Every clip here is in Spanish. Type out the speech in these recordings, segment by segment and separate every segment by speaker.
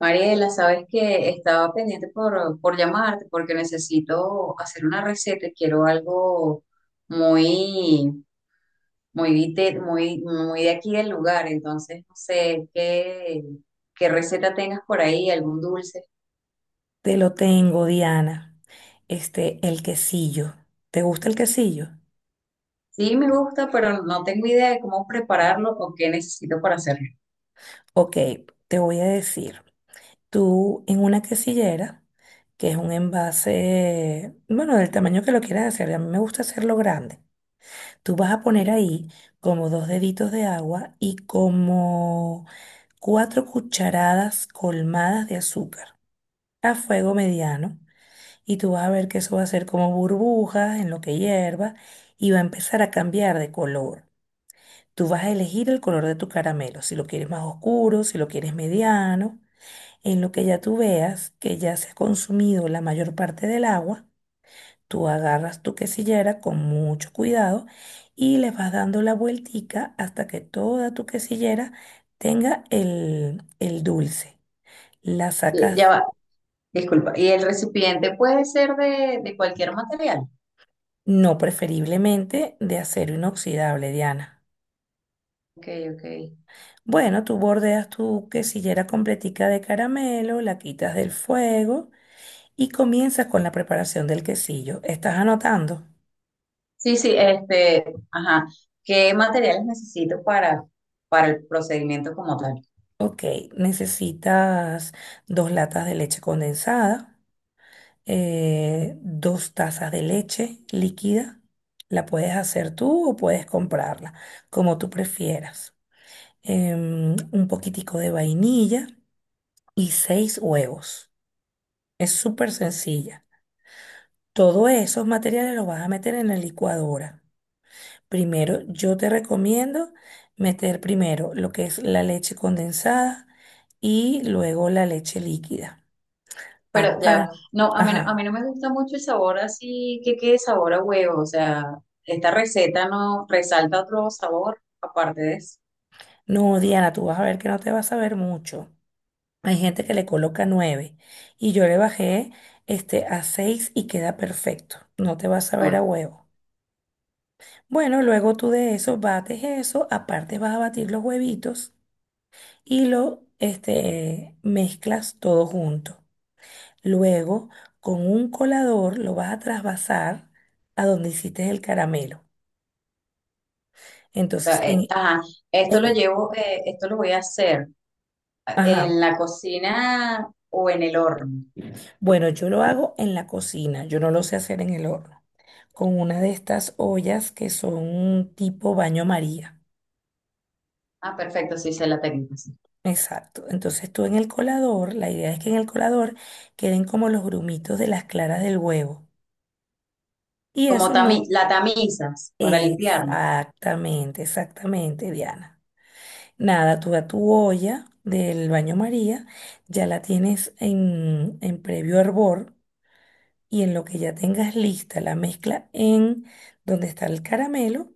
Speaker 1: Mariela, sabes que estaba pendiente por llamarte porque necesito hacer una receta y quiero algo muy, muy de aquí del lugar. Entonces, no sé qué, qué receta tengas por ahí, algún dulce.
Speaker 2: Te lo tengo, Diana. El quesillo. ¿Te gusta el quesillo?
Speaker 1: Sí, me gusta, pero no tengo idea de cómo prepararlo o qué necesito para hacerlo.
Speaker 2: Ok, te voy a decir. Tú en una quesillera, que es un envase, bueno, del tamaño que lo quieras hacer, a mí me gusta hacerlo grande. Tú vas a poner ahí como dos deditos de agua y como cuatro cucharadas colmadas de azúcar a fuego mediano. Y tú vas a ver que eso va a ser como burbujas en lo que hierva y va a empezar a cambiar de color. Tú vas a elegir el color de tu caramelo, si lo quieres más oscuro, si lo quieres mediano. En lo que ya tú veas que ya se ha consumido la mayor parte del agua, tú agarras tu quesillera con mucho cuidado y le vas dando la vueltica hasta que toda tu quesillera tenga el dulce. La
Speaker 1: Ya
Speaker 2: sacas
Speaker 1: va, disculpa. ¿Y el recipiente puede ser de cualquier material?
Speaker 2: no preferiblemente de acero inoxidable, Diana.
Speaker 1: Ok, ok.
Speaker 2: Bueno, tú bordeas tu quesillera completica de caramelo, la quitas del fuego y comienzas con la preparación del quesillo. ¿Estás anotando?
Speaker 1: Sí, sí, ajá. ¿Qué materiales necesito para el procedimiento como tal?
Speaker 2: Ok, necesitas dos latas de leche condensada, dos tazas de leche líquida. La puedes hacer tú o puedes comprarla, como tú prefieras. Un poquitico de vainilla y seis huevos. Es súper sencilla. Todos esos materiales los vas a meter en la licuadora. Primero, yo te recomiendo meter primero lo que es la leche condensada y luego la leche líquida.
Speaker 1: Pero ya,
Speaker 2: Aparte,
Speaker 1: a
Speaker 2: ajá.
Speaker 1: mí no me gusta mucho el sabor así que quede sabor a huevo, o sea, esta receta no resalta otro sabor aparte de eso.
Speaker 2: No, Diana, tú vas a ver que no te vas a ver mucho. Hay gente que le coloca nueve y yo le bajé a seis y queda perfecto. No te vas a ver a
Speaker 1: O
Speaker 2: huevo. Bueno, luego tú de eso bates eso, aparte vas a batir los huevitos y mezclas todo junto. Luego, con un colador lo vas a trasvasar a donde hiciste el caramelo. Entonces,
Speaker 1: sea, ajá,
Speaker 2: en-
Speaker 1: esto lo voy a hacer
Speaker 2: ajá.
Speaker 1: en la cocina o en el horno.
Speaker 2: Bueno, yo lo hago en la cocina, yo no lo sé hacer en el horno. Con una de estas ollas que son tipo baño María.
Speaker 1: Ah, perfecto, sí sé la técnica, sí.
Speaker 2: Exacto. Entonces tú en el colador, la idea es que en el colador queden como los grumitos de las claras del huevo. Y
Speaker 1: Como
Speaker 2: eso no.
Speaker 1: tami- la tamizas para limpiarlo.
Speaker 2: Exactamente, exactamente, Diana. Nada, tú a tu olla del baño María, ya la tienes en previo hervor y en lo que ya tengas lista la mezcla en donde está el caramelo,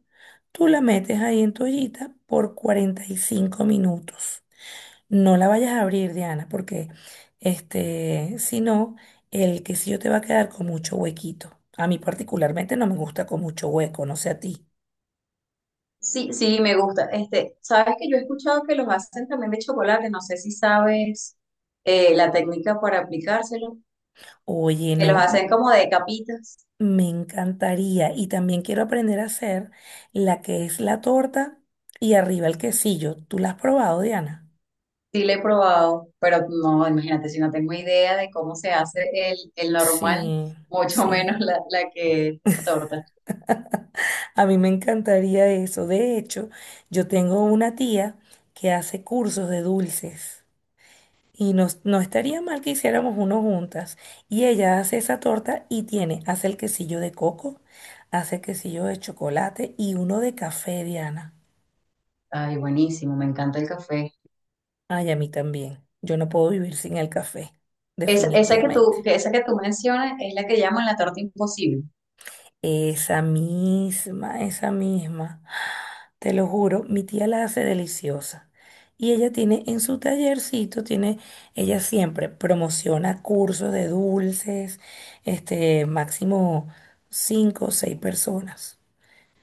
Speaker 2: tú la metes ahí en tu ollita por 45 minutos. No la vayas a abrir, Diana, porque si no, el quesillo te va a quedar con mucho huequito. A mí particularmente no me gusta con mucho hueco, no sé a ti.
Speaker 1: Sí, sí, me gusta. Este, sabes que yo he escuchado que los hacen también de chocolate, no sé si sabes la técnica para aplicárselo,
Speaker 2: Oye,
Speaker 1: que los
Speaker 2: no.
Speaker 1: hacen como de capitas.
Speaker 2: Me encantaría. Y también quiero aprender a hacer la que es la torta y arriba el quesillo. ¿Tú la has probado, Diana?
Speaker 1: Sí, le he probado, pero no, imagínate, si no tengo idea de cómo se hace el normal,
Speaker 2: Sí,
Speaker 1: mucho
Speaker 2: sí.
Speaker 1: menos la que es torta.
Speaker 2: A mí me encantaría eso. De hecho, yo tengo una tía que hace cursos de dulces y nos, no estaría mal que hiciéramos uno juntas. Y ella hace esa torta y tiene, hace el quesillo de coco, hace el quesillo de chocolate y uno de café, Diana.
Speaker 1: Ay, buenísimo, me encanta el café.
Speaker 2: Ay, a mí también. Yo no puedo vivir sin el café,
Speaker 1: Es, esa que tú,
Speaker 2: definitivamente.
Speaker 1: que esa que tú mencionas es la que llaman la torta imposible.
Speaker 2: Esa misma, esa misma. Te lo juro, mi tía la hace deliciosa. Y ella tiene en su tallercito, tiene, ella siempre promociona cursos de dulces, máximo cinco o seis personas.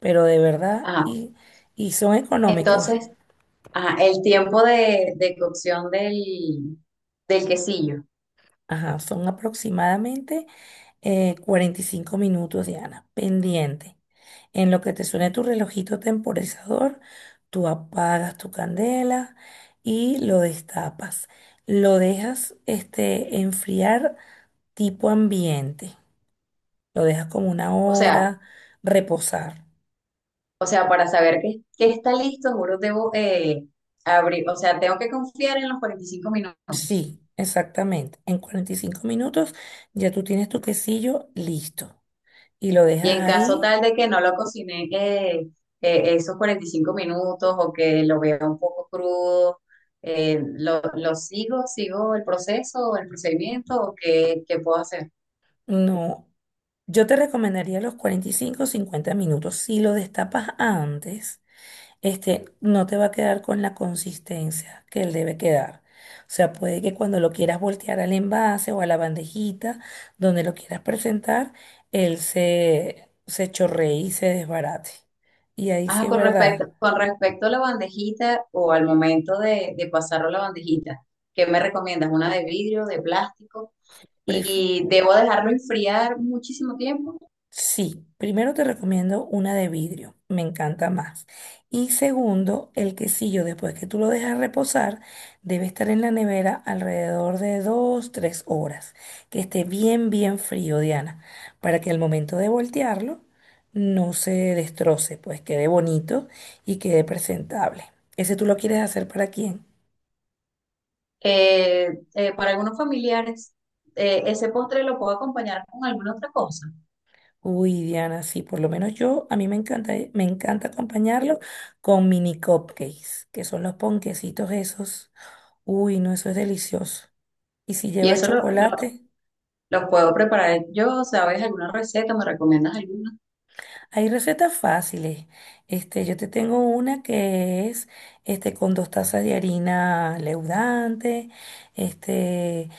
Speaker 2: Pero de verdad,
Speaker 1: Ajá.
Speaker 2: y, son económicos.
Speaker 1: Entonces, ajá, el tiempo de cocción del quesillo.
Speaker 2: Ajá, son aproximadamente 45 minutos, Diana, pendiente. En lo que te suene tu relojito temporizador, tú apagas tu candela y lo destapas. Lo dejas enfriar tipo ambiente. Lo dejas como una
Speaker 1: O sea,
Speaker 2: hora, reposar.
Speaker 1: para saber que está listo, juro, debo abrir, o sea, tengo que confiar en los 45 minutos.
Speaker 2: Sí, exactamente. En 45 minutos ya tú tienes tu quesillo listo. Y lo
Speaker 1: Y
Speaker 2: dejas
Speaker 1: en caso
Speaker 2: ahí.
Speaker 1: tal de que no lo cociné, esos 45 minutos o que lo vea un poco crudo, lo sigo, sigo el proceso, el procedimiento o qué, qué puedo hacer.
Speaker 2: No, yo te recomendaría los 45 o 50 minutos. Si lo destapas antes, no te va a quedar con la consistencia que él debe quedar. O sea, puede que cuando lo quieras voltear al envase o a la bandejita donde lo quieras presentar, él se chorree y se desbarate. Y ahí
Speaker 1: Ajá,
Speaker 2: sí es verdad.
Speaker 1: con respecto a la bandejita o al momento de pasarlo a la bandejita, ¿qué me recomiendas? ¿Una de vidrio, de plástico? ¿Y debo dejarlo enfriar muchísimo tiempo?
Speaker 2: Sí, primero te recomiendo una de vidrio, me encanta más. Y segundo, el quesillo, después que tú lo dejas reposar, debe estar en la nevera alrededor de dos, tres horas, que esté bien, bien frío, Diana, para que al momento de voltearlo no se destroce, pues quede bonito y quede presentable. ¿Ese tú lo quieres hacer para quién?
Speaker 1: Eh, para algunos familiares, ese postre lo puedo acompañar con alguna otra cosa.
Speaker 2: Uy, Diana, sí, por lo menos yo, a mí me encanta acompañarlo con mini cupcakes, que son los ponquecitos esos. Uy, no, eso es delicioso. Y si
Speaker 1: Y
Speaker 2: lleva chocolate.
Speaker 1: lo puedo preparar yo, ¿sabes? ¿Alguna receta? ¿Me recomiendas alguna?
Speaker 2: Hay recetas fáciles. Yo te tengo una que es con dos tazas de harina leudante, este,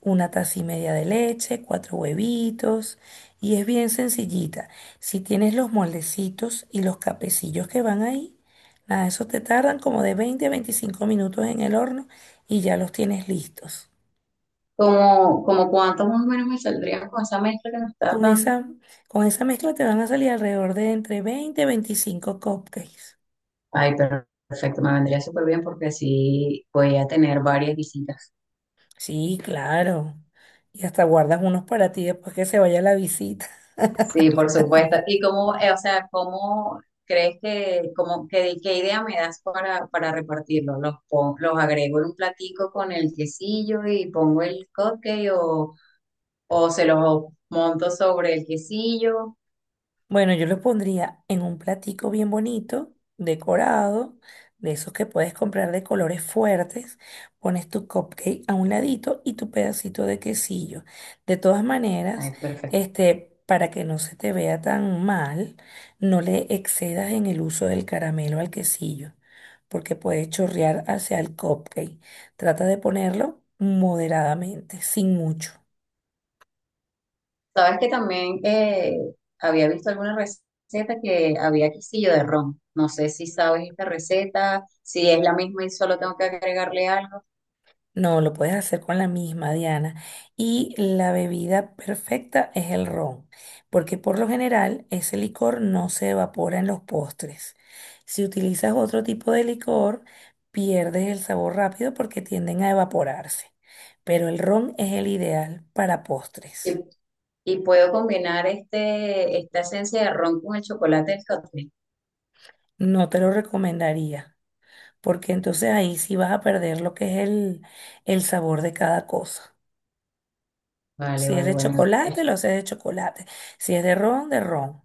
Speaker 2: una taza y media de leche, cuatro huevitos. Y es bien sencillita. Si tienes los moldecitos y los capecillos que van ahí, nada, esos te tardan como de 20 a 25 minutos en el horno y ya los tienes listos.
Speaker 1: Como cuánto más o menos me saldría con esa mezcla que me estás
Speaker 2: Con
Speaker 1: dando?
Speaker 2: esa, con esa mezcla te van a salir alrededor de entre 20 a 25 cupcakes.
Speaker 1: Ay, perfecto, me vendría súper bien porque sí voy a tener varias visitas.
Speaker 2: Sí, claro. Y hasta guardas unos para ti después que se vaya la visita.
Speaker 1: Sí, por supuesto. ¿Y cómo, cómo crees que, cómo, qué idea me das para repartirlo? Los agrego en un platico con el quesillo y pongo el cupcake o se los monto sobre el quesillo?
Speaker 2: Bueno, yo lo pondría en un platico bien bonito, decorado, de esos que puedes comprar de colores fuertes. Pones tu cupcake a un ladito y tu pedacito de quesillo. De todas maneras,
Speaker 1: Ay, perfecto.
Speaker 2: para que no se te vea tan mal, no le excedas en el uso del caramelo al quesillo, porque puede chorrear hacia el cupcake. Trata de ponerlo moderadamente, sin mucho.
Speaker 1: Sabes que también había visto alguna receta que había quesillo de ron. No sé si sabes esta receta, si es la misma y solo tengo que agregarle algo.
Speaker 2: No, lo puedes hacer con la misma, Diana. Y la bebida perfecta es el ron, porque por lo general ese licor no se evapora en los postres. Si utilizas otro tipo de licor, pierdes el sabor rápido porque tienden a evaporarse. Pero el ron es el ideal para
Speaker 1: Y,
Speaker 2: postres.
Speaker 1: y puedo combinar esta esencia de ron con el chocolate del cóctel.
Speaker 2: No te lo recomendaría, porque entonces ahí sí vas a perder lo que es el sabor de cada cosa.
Speaker 1: Vale,
Speaker 2: Si es
Speaker 1: vale,
Speaker 2: de
Speaker 1: bueno,
Speaker 2: chocolate, lo sé de chocolate. Si es de ron, de ron.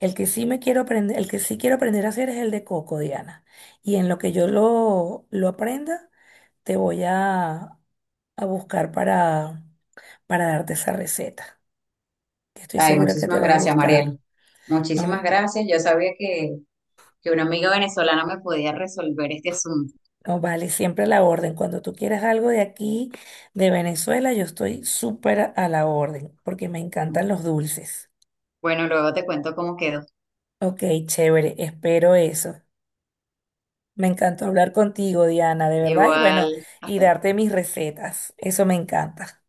Speaker 2: El que sí me quiero aprender, el que sí quiero aprender a hacer es el de coco, Diana. Y en lo que yo lo aprenda, te voy a buscar para darte esa receta, que estoy
Speaker 1: ay,
Speaker 2: segura que te
Speaker 1: muchísimas
Speaker 2: va a
Speaker 1: gracias,
Speaker 2: gustar.
Speaker 1: Mariel. Muchísimas
Speaker 2: No,
Speaker 1: gracias. Yo sabía que una amiga venezolana me podía resolver este asunto.
Speaker 2: no vale, siempre a la orden. Cuando tú quieras algo de aquí, de Venezuela, yo estoy súper a la orden, porque me encantan los dulces.
Speaker 1: Bueno, luego te cuento cómo quedó.
Speaker 2: Ok, chévere, espero eso. Me encantó hablar contigo, Diana, de verdad. Y bueno,
Speaker 1: Igual,
Speaker 2: y
Speaker 1: hasta.
Speaker 2: darte mis recetas. Eso me encanta.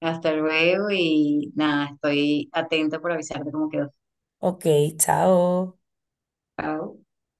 Speaker 1: Hasta luego y nada, estoy atenta por avisarte cómo quedó.
Speaker 2: Ok, chao.
Speaker 1: Chao.